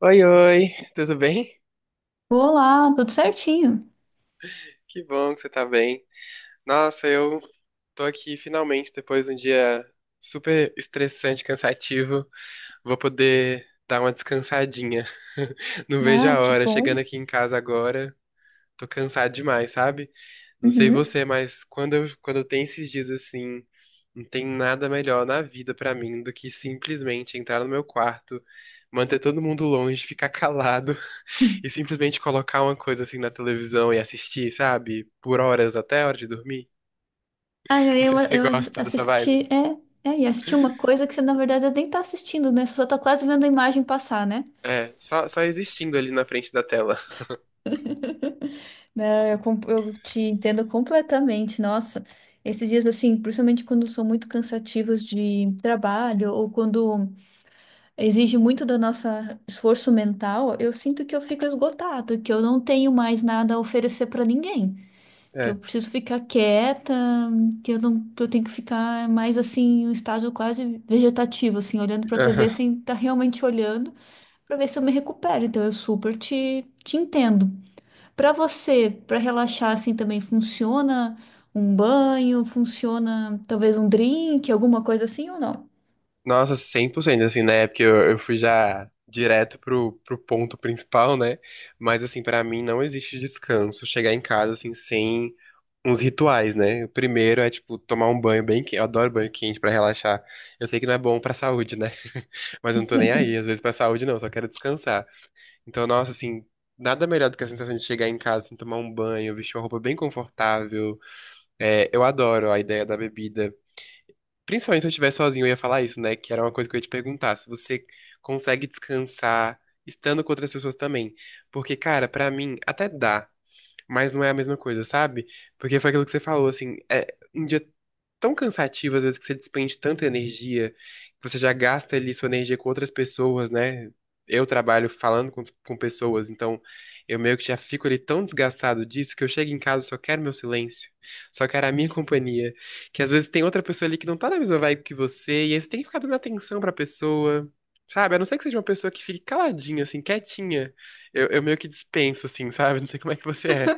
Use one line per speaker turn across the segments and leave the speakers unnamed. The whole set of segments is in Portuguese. Oi, oi, tudo bem?
Olá, tudo certinho.
Que bom que você tá bem. Nossa, eu tô aqui finalmente, depois de um dia super estressante, cansativo, vou poder dar uma descansadinha. Não vejo
Ai,
a
que
hora,
bom.
chegando aqui em casa agora, tô cansado demais, sabe? Não sei
Uhum.
você, mas quando eu tenho esses dias assim, não tem nada melhor na vida pra mim do que simplesmente entrar no meu quarto, manter todo mundo longe, ficar calado e simplesmente colocar uma coisa assim na televisão e assistir, sabe? Por horas até a hora de dormir.
Ah,
Não
eu,
sei se você
eu
gosta dessa vibe.
assisti, assisti uma coisa que você, na verdade, nem tá assistindo, né? Você só tá quase vendo a imagem passar, né?
É, só existindo ali na frente da tela.
Não, eu te entendo completamente. Nossa, esses dias, assim, principalmente quando são muito cansativos de trabalho ou quando exige muito do nosso esforço mental, eu sinto que eu fico esgotado, que eu não tenho mais nada a oferecer para ninguém. Que eu
É.
preciso ficar quieta, que eu não, que eu tenho que ficar mais assim, em um estágio quase vegetativo, assim, olhando para a
Aham.
TV sem estar realmente olhando, para ver se eu me recupero. Então eu super te entendo. Para você, para relaxar assim também funciona um banho, funciona talvez um drink, alguma coisa assim ou não?
Nossa, cem por cento assim, né? Porque eu fui já direto pro ponto principal, né? Mas, assim, pra mim não existe descanso chegar em casa, assim, sem uns rituais, né? O primeiro é, tipo, tomar um banho bem quente. Eu adoro banho quente pra relaxar. Eu sei que não é bom pra saúde, né? Mas eu não tô nem aí, às vezes pra saúde não, só quero descansar. Então, nossa, assim, nada melhor do que a sensação de chegar em casa, assim, tomar um banho, vestir uma roupa bem confortável. É, eu adoro a ideia da bebida. Principalmente se eu estiver sozinho, eu ia falar isso, né? Que era uma coisa que eu ia te perguntar, se você consegue descansar estando com outras pessoas também. Porque, cara, pra mim, até dá, mas não é a mesma coisa, sabe? Porque foi aquilo que você falou, assim, é um dia tão cansativo, às vezes, que você despende tanta energia, que você já gasta ali sua energia com outras pessoas, né? Eu trabalho falando com pessoas, então eu meio que já fico ali tão desgastado disso que eu chego em casa e só quero meu silêncio, só quero a minha companhia. Que às vezes tem outra pessoa ali que não tá na mesma vibe que você, e aí você tem que ficar dando atenção pra pessoa. Sabe, a não ser que seja uma pessoa que fique caladinha, assim, quietinha, eu meio que dispenso, assim, sabe? Não sei como é que você é.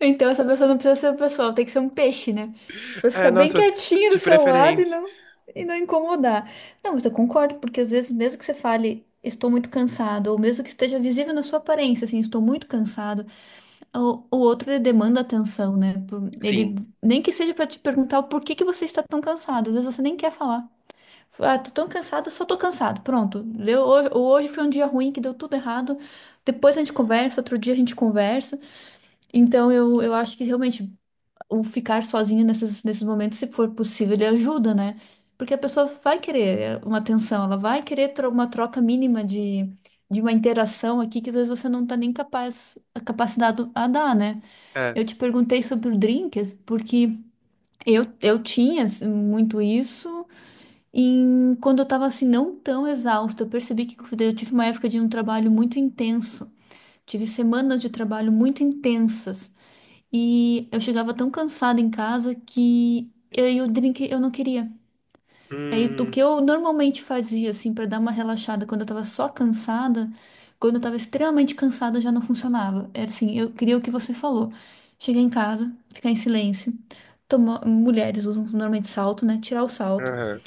Então essa pessoa não precisa ser uma pessoa, ela tem que ser um peixe, né? Vai
É,
ficar bem
nossa,
quietinho do
de
seu lado
preferência.
e não incomodar. Não, mas eu concordo, porque às vezes, mesmo que você fale, estou muito cansado, ou mesmo que esteja visível na sua aparência, assim, estou muito cansado, o outro ele demanda atenção, né? Por- ele,
Sim,
nem que seja para te perguntar o porquê que você está tão cansado, às vezes você nem quer falar. Ah, tô tão cansado, só tô cansado. Pronto. Deu, hoje foi um dia ruim que deu tudo errado. Depois a gente conversa, outro dia a gente conversa. Então, eu acho que realmente o ficar sozinho nesses, nesses momentos, se for possível, ele ajuda, né? Porque a pessoa vai querer é, uma atenção, ela vai querer uma troca mínima de uma interação aqui que às vezes você não está nem capaz, capacitado a dar, né?
é.
Eu te perguntei sobre o drinks, porque eu tinha assim, muito isso. E quando eu estava assim, não tão exausta, eu percebi que eu tive uma época de um trabalho muito intenso. Tive semanas de trabalho muito intensas. E eu chegava tão cansada em casa que eu, e o drink eu não queria. Aí o que
Hum,
eu normalmente fazia assim para dar uma relaxada quando eu tava só cansada, quando eu tava extremamente cansada já não funcionava. Era assim, eu queria o que você falou. Chegar em casa, ficar em silêncio, tomar, mulheres usam normalmente salto, né? Tirar o salto.
aham.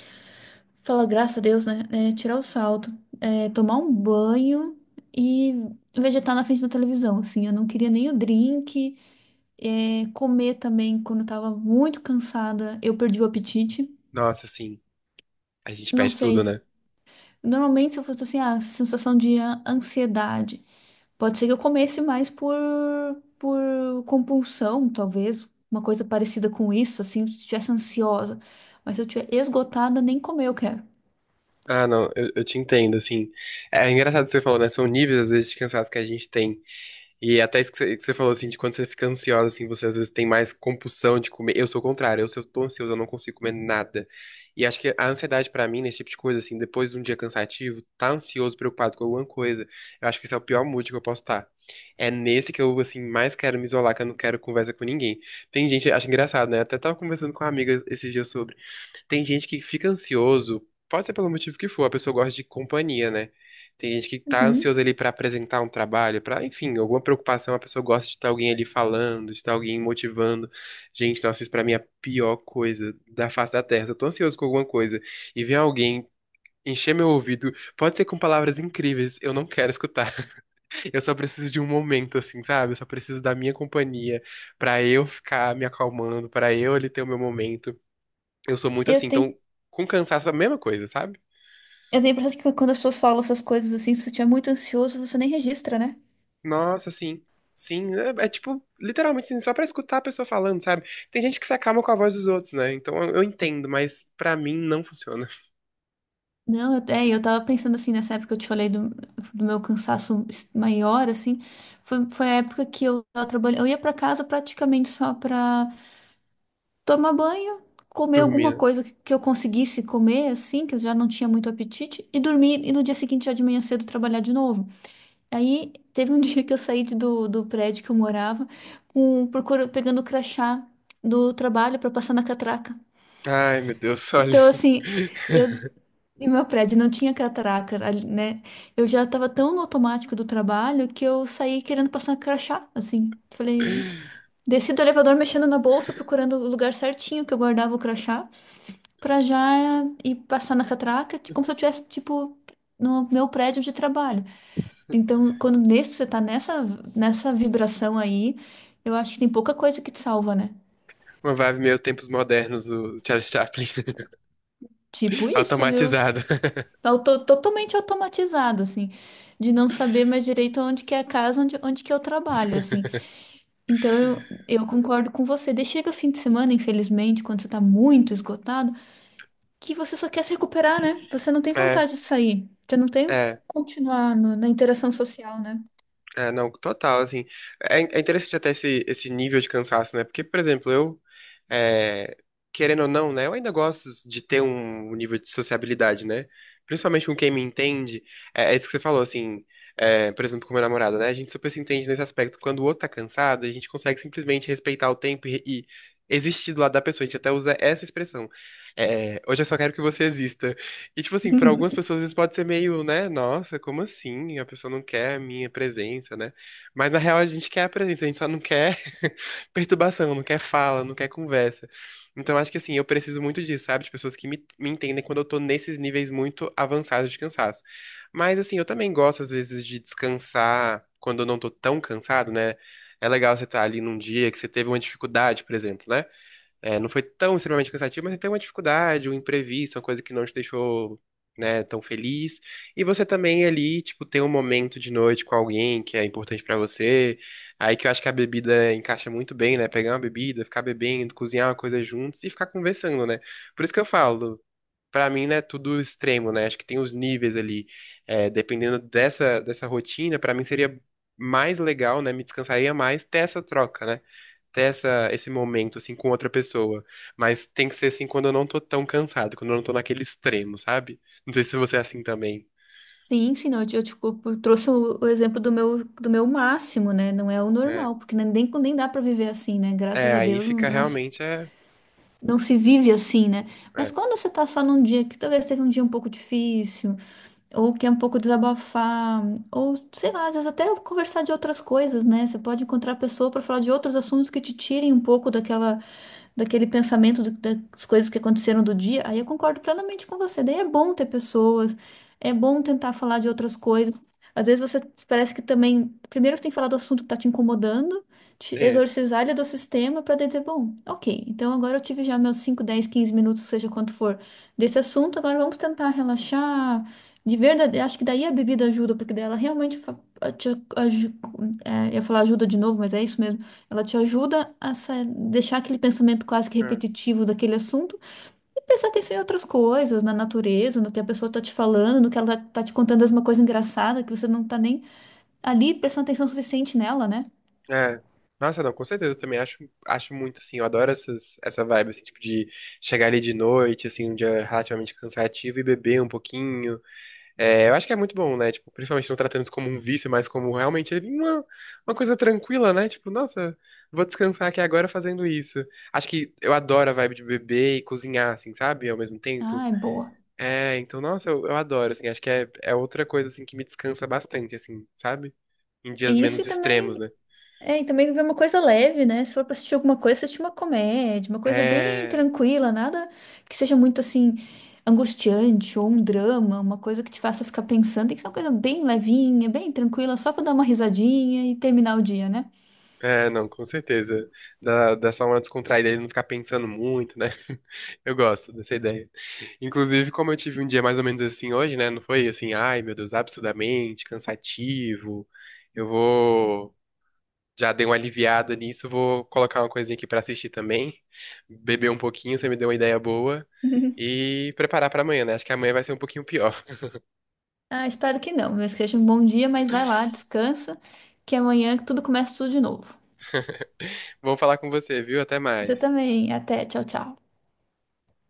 Falar graças a Deus, né? É, tirar o salto, é, tomar um banho e vegetar na frente da televisão, assim. Eu não queria nem o drink. É, comer também quando eu tava muito cansada, eu perdi o apetite.
Nossa, sim. A gente
Não
perde tudo,
sei.
né?
Normalmente, se eu fosse assim, a sensação de ansiedade, pode ser que eu comesse mais por compulsão, talvez, uma coisa parecida com isso, assim, se eu estivesse ansiosa. Mas se eu estiver esgotada, nem comer eu quero.
Ah, não, eu te entendo, assim. É, é engraçado que você falou, né? São níveis, às vezes, de cansaço que a gente tem. E é até isso que você falou, assim, de quando você fica ansiosa, assim, você às vezes tem mais compulsão de comer. Eu sou o contrário, eu, se eu tô ansioso, eu não consigo comer nada. E acho que a ansiedade pra mim, nesse tipo de coisa, assim, depois de um dia cansativo, tá ansioso, preocupado com alguma coisa, eu acho que esse é o pior mood que eu posso estar. É nesse que eu, assim, mais quero me isolar, que eu não quero conversa com ninguém. Tem gente, acho engraçado, né? Até tava conversando com uma amiga esses dias sobre. Tem gente que fica ansioso, pode ser pelo motivo que for, a pessoa gosta de companhia, né? Tem gente que tá
Uhum.
ansiosa ali pra apresentar um trabalho, pra, enfim, alguma preocupação, a pessoa gosta de estar alguém ali falando, de estar alguém motivando. Gente, nossa, isso pra mim é a pior coisa da face da Terra. Se eu tô ansioso com alguma coisa e vem alguém encher meu ouvido, pode ser com palavras incríveis, eu não quero escutar. Eu só preciso de um momento, assim, sabe? Eu só preciso da minha companhia pra eu ficar me acalmando, pra eu ali ter o meu momento. Eu sou muito
Eu
assim,
tenho,
então, com cansaço é a mesma coisa, sabe?
eu tenho a impressão de que quando as pessoas falam essas coisas assim, se você estiver muito ansioso, você nem registra, né?
Nossa, sim. Sim, é, é tipo, literalmente, assim, só pra escutar a pessoa falando, sabe? Tem gente que se acalma com a voz dos outros, né? Então eu entendo, mas pra mim não funciona.
Não, eu, é, eu tava pensando assim, nessa época que eu te falei do, do meu cansaço maior, assim, foi a época que eu tava trabalhando, eu ia pra casa praticamente só pra tomar banho, comer alguma
Dormir, né?
coisa que eu conseguisse comer, assim, que eu já não tinha muito apetite, e dormir, e no dia seguinte, já de manhã cedo, trabalhar de novo. Aí, teve um dia que eu do prédio que eu morava, com, procura, pegando o crachá do trabalho pra passar na catraca.
Ai, meu Deus,
Então,
olha.
assim, eu e meu prédio não tinha catraca, ali, né? Eu já tava tão no automático do trabalho que eu saí querendo passar crachá, assim. Falei, desci do elevador mexendo na bolsa, procurando o lugar certinho que eu guardava o crachá, pra já ir passar na catraca, como se eu tivesse, tipo, no meu prédio de trabalho. Então, quando nesse, você tá nessa, nessa vibração aí, eu acho que tem pouca coisa que te salva, né?
Uma vibe meio tempos modernos do Charles Chaplin,
Tipo isso, viu?
automatizado.
Totalmente automatizado, assim, de não saber mais direito onde que é a casa, onde que eu trabalho, assim. Então eu concordo com você. Daí chega fim de semana, infelizmente, quando você tá muito esgotado, que você só quer se recuperar, né? Você não tem
É,
vontade de sair, você não tem
é.
continuar na interação social, né?
É, não, total, assim, é, é interessante até esse, esse nível de cansaço, né, porque, por exemplo, eu, é, querendo ou não, né, eu ainda gosto de ter um nível de sociabilidade, né, principalmente com quem me entende, é, é isso que você falou, assim, é, por exemplo, com meu namorado, né, a gente super se entende nesse aspecto, quando o outro tá cansado, a gente consegue simplesmente respeitar o tempo e existir do lado da pessoa, a gente até usa essa expressão, é, hoje eu só quero que você exista, e, tipo assim, pra algumas pessoas isso pode ser meio, né? Nossa, como assim? A pessoa não quer a minha presença, né? Mas na real a gente quer a presença, a gente só não quer perturbação, não quer fala, não quer conversa. Então acho que assim, eu preciso muito disso, sabe? De pessoas que me entendem quando eu tô nesses níveis muito avançados de cansaço. Mas assim, eu também gosto às vezes de descansar quando eu não tô tão cansado, né? É legal você estar ali num dia que você teve uma dificuldade, por exemplo, né? É, não foi tão extremamente cansativo, mas tem uma dificuldade, um imprevisto, uma coisa que não te deixou, né, tão feliz. E você também ali, tipo, tem um momento de noite com alguém que é importante pra você. Aí que eu acho que a bebida encaixa muito bem, né? Pegar uma bebida, ficar bebendo, cozinhar uma coisa juntos e ficar conversando, né? Por isso que eu falo, pra mim, né, tudo extremo, né? Acho que tem os níveis ali. É, dependendo dessa rotina, pra mim seria mais legal, né? Me descansaria mais ter essa troca, né? Ter essa, esse momento, assim, com outra pessoa. Mas tem que ser, assim, quando eu não tô tão cansado, quando eu não tô naquele extremo, sabe? Não sei se você é assim também.
Sim, sim, não, eu trouxe o exemplo do meu máximo, né? Não é o
É,
normal, porque nem, nem dá para viver assim, né? Graças
é
a
aí
Deus,
fica
não,
realmente, é,
não se vive assim, né? Mas
é,
quando você tá só num dia que talvez teve um dia um pouco difícil, ou quer um pouco desabafar, ou sei lá, às vezes até conversar de outras coisas, né? Você pode encontrar a pessoa para falar de outros assuntos que te tirem um pouco daquela, daquele pensamento das coisas que aconteceram do dia. Aí eu concordo plenamente com você. Daí é bom ter pessoas, é bom tentar falar de outras coisas. Às vezes você parece que também, primeiro você tem que falar do assunto que está te incomodando, te
é,
exorcizar ele do sistema para dizer, bom, ok, então agora eu tive já meus 5, 10, 15 minutos, seja quanto for, desse assunto, agora vamos tentar relaxar, de verdade, acho que daí a bebida ajuda, porque daí ela realmente aju- eu ia falar ajuda de novo, mas é isso mesmo. Ela te ajuda a deixar aquele pensamento quase que
é.
repetitivo daquele assunto e prestar atenção em outras coisas, na natureza, no que a pessoa tá te falando, no que ela tá te contando alguma coisa engraçada que você não tá nem ali prestando atenção suficiente nela, né?
É. Nossa, não, com certeza, eu também acho, acho muito, assim, eu adoro essas, essa vibe, assim, tipo, de chegar ali de noite, assim, um dia relativamente cansativo e beber um pouquinho. É, eu acho que é muito bom, né? Tipo, principalmente não tratando isso como um vício, mas como realmente é uma coisa tranquila, né? Tipo, nossa, vou descansar aqui agora fazendo isso. Acho que eu adoro a vibe de beber e cozinhar, assim, sabe? Ao mesmo tempo.
Ah, é boa.
É, então, nossa, eu adoro, assim. Acho que é, é outra coisa, assim, que me descansa bastante, assim, sabe? Em dias
E isso e
menos extremos,
também
né?
É, e também ver uma coisa leve, né? Se for pra assistir alguma coisa, assistir uma comédia, uma coisa bem
É.
tranquila, nada que seja muito assim angustiante ou um drama, uma coisa que te faça ficar pensando. Tem que ser uma coisa bem levinha, bem tranquila, só pra dar uma risadinha e terminar o dia, né?
É, não, com certeza. Dá, dá só uma descontraída, ele não ficar pensando muito, né? Eu gosto dessa ideia. Inclusive, como eu tive um dia mais ou menos assim hoje, né? Não foi assim, ai meu Deus, absurdamente cansativo. Eu vou. Já dei uma aliviada nisso, vou colocar uma coisinha aqui pra assistir também. Beber um pouquinho, você me deu uma ideia boa. E preparar pra amanhã, né? Acho que amanhã vai ser um pouquinho pior.
Ah, espero que não, mas que seja um bom dia, mas vai lá, descansa, que amanhã tudo começa tudo de novo.
Vou falar com você, viu? Até
Você
mais.
também. Até, tchau, tchau.